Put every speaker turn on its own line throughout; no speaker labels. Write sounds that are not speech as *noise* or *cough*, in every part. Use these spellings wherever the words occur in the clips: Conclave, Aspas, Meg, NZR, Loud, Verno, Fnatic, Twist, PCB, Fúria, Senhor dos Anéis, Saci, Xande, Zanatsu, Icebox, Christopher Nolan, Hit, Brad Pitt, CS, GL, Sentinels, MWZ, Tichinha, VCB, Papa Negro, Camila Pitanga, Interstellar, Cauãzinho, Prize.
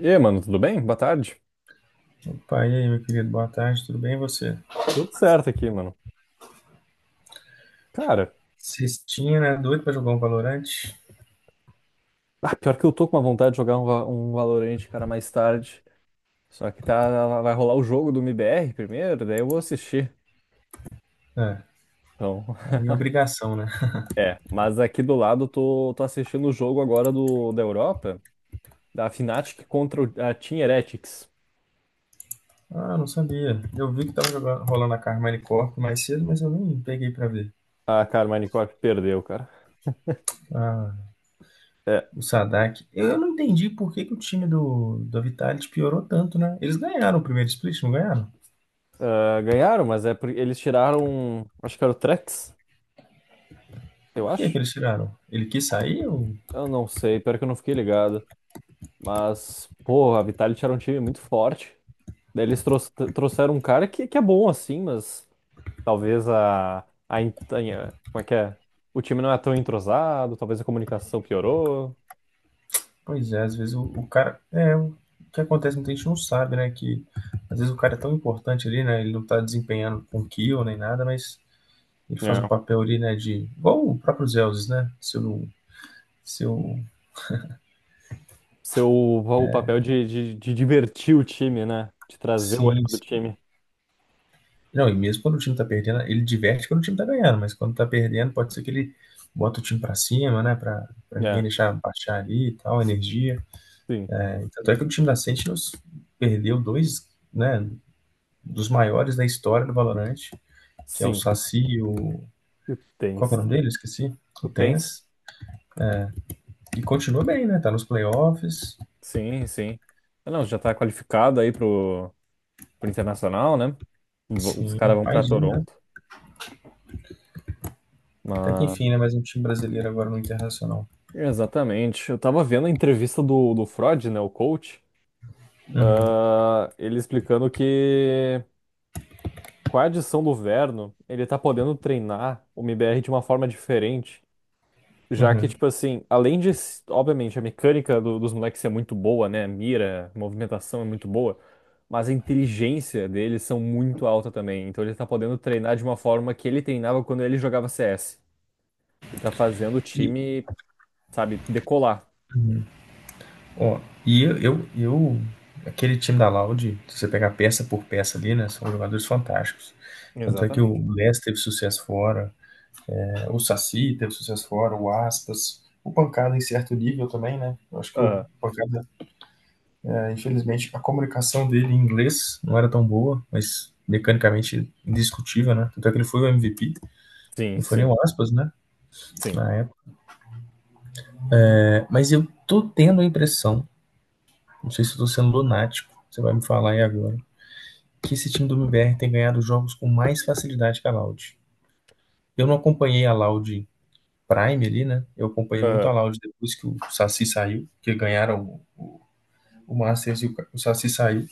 E aí, mano, tudo bem? Boa tarde.
Opa, e aí, meu querido, boa tarde, tudo bem e você?
Tudo certo aqui, mano. Cara,
Cestinha, né? Doido pra jogar um Valorante?
pior que eu tô com uma vontade de jogar um, um Valorant, cara, mais tarde. Só que tá, vai rolar o jogo do MBR primeiro, daí eu vou assistir.
É,
Então, *laughs*
aí é obrigação, né?
é, mas aqui do lado eu tô, tô assistindo o jogo agora do, da Europa, da Fnatic contra a Team Heretics.
Ah, não sabia. Eu vi que tava jogando, rolando a Carmine Corp mais cedo, mas eu nem peguei pra ver.
Ah, cara, o Minecraft perdeu, cara.
Ah,
É,
o Sadak. Eu não entendi por que que o time do Vitality piorou tanto, né? Eles ganharam o primeiro split, não ganharam?
ah, ganharam, mas é porque eles tiraram, acho que era o Trex,
Por
eu
que que
acho.
eles tiraram? Ele quis sair ou
Eu não sei, pior que eu não fiquei ligado. Mas, pô, a Vitality era um time muito forte. Daí eles trouxeram um cara que é bom assim, mas talvez a, como é que é? O time não é tão entrosado, talvez a comunicação piorou.
pois é, às vezes o cara. É, o que acontece, muita gente não sabe, né? Que às vezes o cara é tão importante ali, né? Ele não tá desempenhando com kill nem nada, mas ele faz um
É.
papel ali, né. De. Igual o próprio Zeus, né? Seu, seu
Seu o papel de, de divertir o time, né? De trazer o
sim,
ânimo do
sim.
time.
Não, e mesmo quando o time tá perdendo, ele diverte quando o time tá ganhando, mas quando tá perdendo, pode ser que ele bota o time pra cima, né? Pra ninguém
É,
deixar baixar ali e tal, energia.
sim,
É, tanto é que o time da Sentinels perdeu dois, né? Dos maiores da história do Valorant, que é o
sim.
Saci. O.
E o
Qual
Tens.
que é o nome dele? Esqueci. O
O Tens?
Tens. E continua bem, né? Tá nos playoffs.
Sim, sim. Ah, não, já tá qualificado aí pro, pro Internacional, né? Os
Sim,
caras vão pra
mais um, né?
Toronto.
Até que
Mas
enfim, né? Mais um time brasileiro agora no Internacional.
exatamente. Eu tava vendo a entrevista do, do Freud, né, o coach,
Uhum,
ele explicando que com a adição do Verno, ele tá podendo treinar o MBR de uma forma diferente, já que,
uhum.
tipo assim, além de, obviamente, a mecânica dos moleques é muito boa, né, a mira, a movimentação é muito boa, mas a inteligência deles são muito alta também, então ele tá podendo treinar de uma forma que ele treinava quando ele jogava CS, e tá fazendo o
E,
time, sabe, decolar.
ó, e eu, eu, eu- aquele time da Laude, se você pegar peça por peça ali, né? São jogadores fantásticos. Tanto é que o
Exatamente.
Les teve sucesso fora, né, o Saci teve sucesso fora, o Aspas, o Pancada em certo nível também, né? Eu acho que o Pancada, infelizmente, a comunicação dele em inglês não era tão boa, mas mecanicamente indiscutível, né? Tanto é que ele foi o MVP,
Sim,
não foi nem
sim,
o aspas, né?
sim.
Na época. É, mas eu tô tendo a impressão, não sei se eu tô sendo lunático, você vai me falar aí agora, que esse time do MBR tem ganhado jogos com mais facilidade que a Loud. Eu não acompanhei a Loud Prime ali, né? Eu acompanhei muito
Aham,
a Loud depois que o Saci saiu, que ganharam o o Masters e o, Ca- o Saci sair,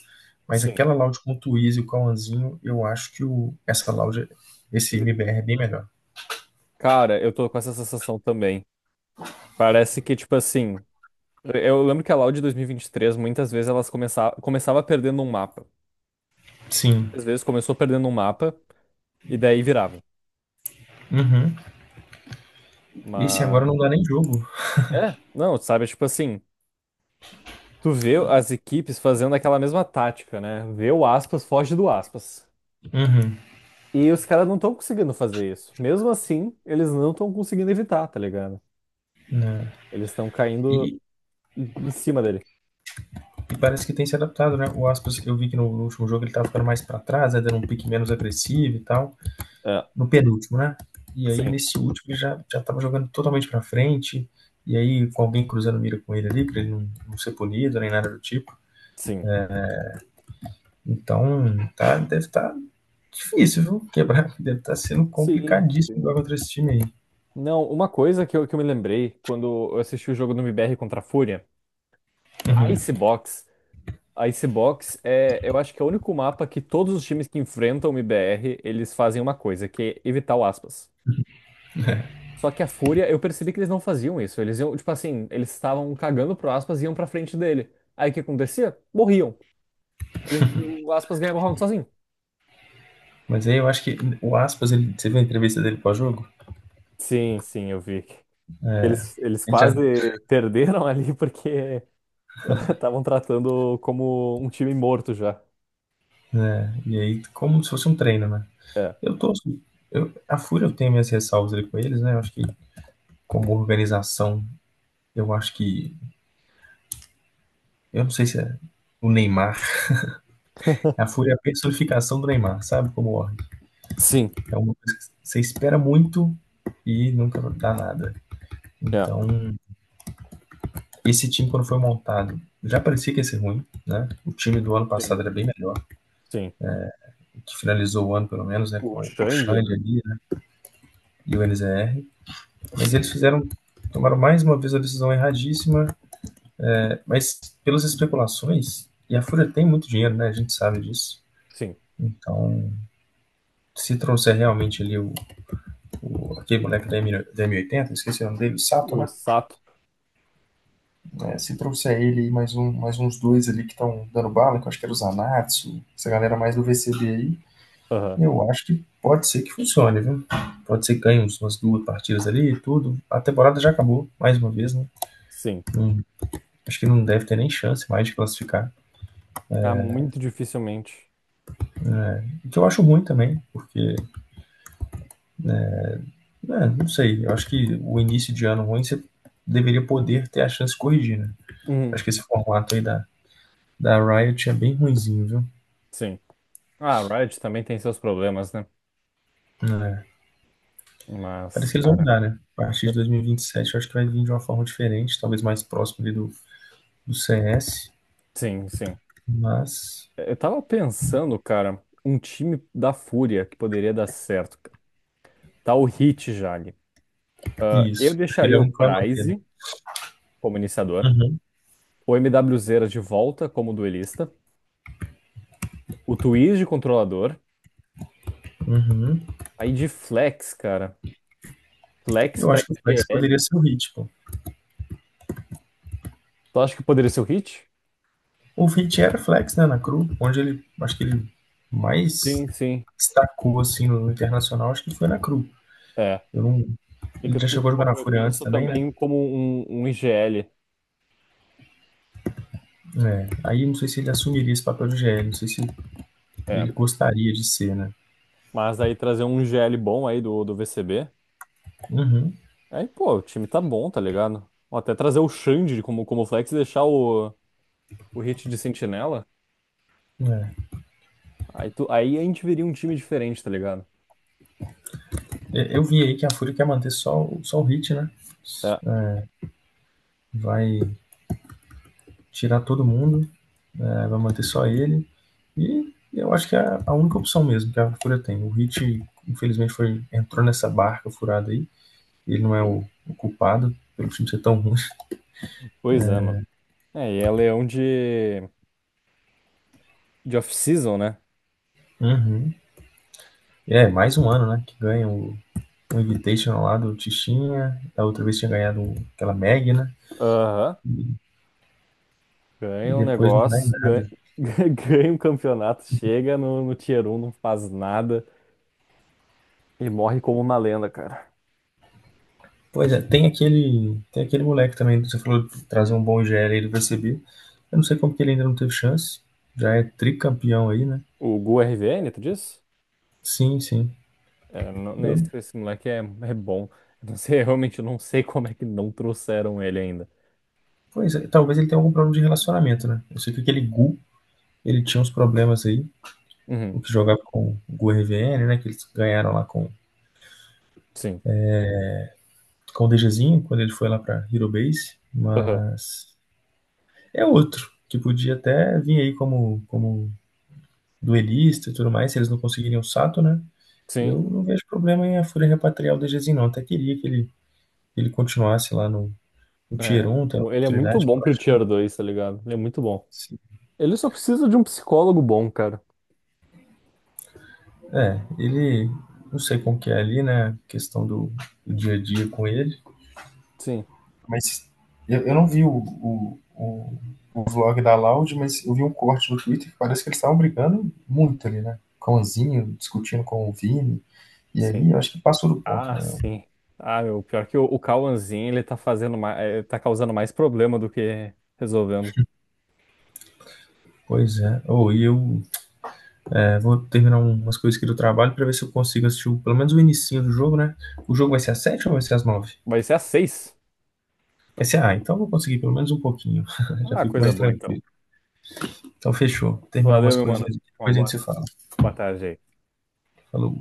mas
sim.
aquela loud com o Twiz e o Cauãzinho, eu acho que o, essa loud, esse MBR é bem melhor.
Cara, eu tô com essa sensação também. Parece que, tipo assim, eu lembro que a Loud de dois mil e vinte e três muitas vezes elas começava, começava perdendo um mapa.
Sim.
Às vezes começou perdendo um mapa e daí virava.
Uhum. Esse agora
Mas,
não dá nem jogo.
é, não, sabe? Tipo assim, tu vê as equipes fazendo aquela mesma tática, né? Vê o aspas, foge do aspas.
Uhum.
E os caras não estão conseguindo fazer isso. Mesmo assim, eles não estão conseguindo evitar, tá ligado?
Né?
Eles estão caindo
E,
em cima dele.
e parece que tem se adaptado, né? O Aspas, eu vi que no último jogo ele tava ficando mais pra trás, né? Dando um pique menos agressivo e tal.
É,
No penúltimo, né? E aí
sim.
nesse último ele já, já tava jogando totalmente pra frente. E aí com alguém cruzando mira com ele ali, pra ele não, não ser punido nem nada do tipo.
Sim.
Então, tá, deve estar difícil, viu? Quebrar deve estar sendo
Sim,
complicadíssimo jogar
sim.
contra esse time aí.
Não, uma coisa que eu me lembrei quando eu assisti o jogo do MBR contra a Fúria, na
Uhum.
Icebox, a Icebox é, eu acho que é o único mapa que todos os times que enfrentam o MBR, eles fazem uma coisa, que é evitar o aspas. Só que a Fúria, eu percebi que eles não faziam isso. Eles iam, tipo assim, eles estavam cagando pro aspas e iam pra frente dele. Aí o que acontecia? Morriam. Eles, o aspas ganhava o round sozinho.
Mas aí eu acho que o Aspas, ele, você viu a entrevista dele pós-jogo?
Sim, sim, eu vi. Eles
Ele já.
quase perderam ali porque estavam tratando como um time morto já.
É, e aí, como se fosse um treino, né?
É.
Eu tô. Eu, a Fúria eu tenho minhas ressalvas ali com eles, né? Eu acho que, como organização, eu acho que. Eu não sei se é o Neymar. A
*laughs*
Fúria é a personificação do Neymar, sabe? Como org.
Sim.
É uma coisa que você espera muito e nunca dá nada.
É.
Então, esse time, quando foi montado, já parecia que ia ser ruim, né? O time do ano
Sim.
passado era bem melhor,
Sim.
que finalizou o ano, pelo menos, né?
O
Com o
Xande, né?
Xande ali, né? E o NZR. Mas eles
Sim.
fizeram, tomaram mais uma vez a decisão erradíssima, né, mas pelas especulações, e a Fúria tem muito dinheiro, né? A gente sabe disso.
Sim.
Então, se trouxer realmente ali o aquele moleque da, M, da esqueci o nome dele, o Sato,
O
né?
Sato.
É, se trouxer ele e mais, um, mais uns dois ali que estão dando bala, que eu acho que era o Zanatsu, essa galera mais do VCB aí,
Aham.
eu acho que pode ser que funcione, viu? Pode ser que ganhe uns- umas duas partidas ali e tudo. A temporada já acabou, mais uma vez, né?
Sim.
Não- acho que não deve ter nem chance mais de classificar.
Ah, muito dificilmente.
O que eu acho ruim também, porque, né, não sei, eu acho que o início de ano ruim você deveria poder ter a chance de corrigir, né?
Uhum.
Acho que esse formato aí da, da Riot é bem ruinzinho, viu?
Sim. Ah, a Riot também tem seus problemas, né?
É.
Mas,
Parece que eles vão
cara,
mudar, né? A partir de 2027, eu acho que vai vir de uma forma diferente, talvez mais próximo ali do CS,
sim, sim.
mas
Eu tava pensando, cara, um time da Fúria que poderia dar certo, cara. Tá o Hit já ali. Ah, eu
isso. Acho que ele
deixaria
é o
o
único que vai manter, né?
Prize como iniciador,
Uhum,
o MWZ de volta como duelista, o Twist de controlador.
uhum.
Aí de Flex, cara. Flex
Eu
pra
acho que o flex poderia
IGL.
ser o Hit, pô.
Tu acha que poderia ser o Hit?
O Hit era flex, né, na Cru, onde ele, acho que ele mais
Sim, sim.
destacou, assim, no internacional, acho que foi na Cru.
É.
Eu não,
E
ele
que
já
tu-
chegou a jogar na
eu
Fúria antes
penso
também, né?
também como um IGL.
É, aí não sei se ele assumiria esse papel de GL, não sei se
É.
ele gostaria de ser, né?
Mas aí trazer um IGL bom aí do, do VCB.
Uhum,
Aí, pô, o time tá bom, tá ligado? Ou até trazer o Xande como, como Flex e deixar o Hit de Sentinela.
é.
Aí, tu, aí a gente veria um time diferente, tá ligado?
É, eu vi aí que a Fúria quer manter só, o- só o Hit, né?
Tá.
Vai tirar todo mundo. É, vai manter só ele. E eu acho que é a única opção mesmo que a Fúria tem. O Hit, infelizmente, foi, entrou nessa barca furada aí. Ele não é
Sim.
o culpado pelo time ser tão ruim.
Pois é, mano. É, e é leão de off-season, né?
Uhum. É, mais um ano, né? Que ganha o Invitational lá do Tichinha. Da outra vez tinha ganhado aquela Meg, né?
Aham.
E
Ganha um
depois não dá em
negócio,
nada.
ganha, *laughs* ganha um campeonato, chega no, no Tier 1 não faz nada e morre como uma lenda, cara.
Pois é, tem aquele moleque também, você falou de trazer um bom IGL aí do PCB. Eu não sei como que ele ainda não teve chance. Já é tricampeão aí, né?
O Gu RVN, tu disse?
Sim, sim.
É, não, não,
Eu,
esse moleque é, é bom. Eu não sei, *laughs* eu realmente não sei como é que não trouxeram ele ainda.
pois é, talvez ele tenha algum problema de relacionamento, né? Eu sei que aquele Gu, ele tinha uns problemas aí,
Uhum,
o que jogava com o Gu RVN, né? Que eles ganharam lá
sim.
com o DGzinho, quando ele foi lá pra Hero Base,
Aham.
mas é outro, que podia até vir aí como, como duelista e tudo mais, se eles não conseguiriam o Sato, né?
Sim,
Eu não vejo problema em a Fúria repatriar o DGzinho, não. Até queria que ele continuasse lá no, no Tier
é.
1, tendo a
Ele é muito
oportunidade,
bom
porque eu
pro
acho que
Tier 2, tá ligado? Ele é muito bom. Ele só precisa de um psicólogo bom, cara.
é, ele, não sei como que é ali, né, a questão do, do dia a dia com ele,
Sim.
mas eu, não vi o vlog da Loud, mas eu vi um corte no Twitter que parece que eles estavam brigando muito ali, né, com o Zinho, discutindo com o Vini, e
Sim.
aí eu acho que passou do ponto,
Ah,
né.
sim. Ah, meu, pior que o Cauãzinho, ele tá fazendo mais, tá causando mais problema do que resolvendo.
Pois é, ou e eu é, vou terminar umas coisas aqui do trabalho para ver se eu consigo assistir o- pelo menos o inicinho do jogo, né, o jogo vai ser às 7 ou vai ser às 9?
Vai ser às 6.
Vai ser, ah, então eu vou conseguir pelo menos um pouquinho, *laughs* já
Ah,
fico
coisa
mais
boa então.
tranquilo. Então fechou. Terminar
Valeu,
umas
meu mano.
coisinhas aqui,
Uma
depois a gente
boa,
se fala.
boa tarde aí.
Falou.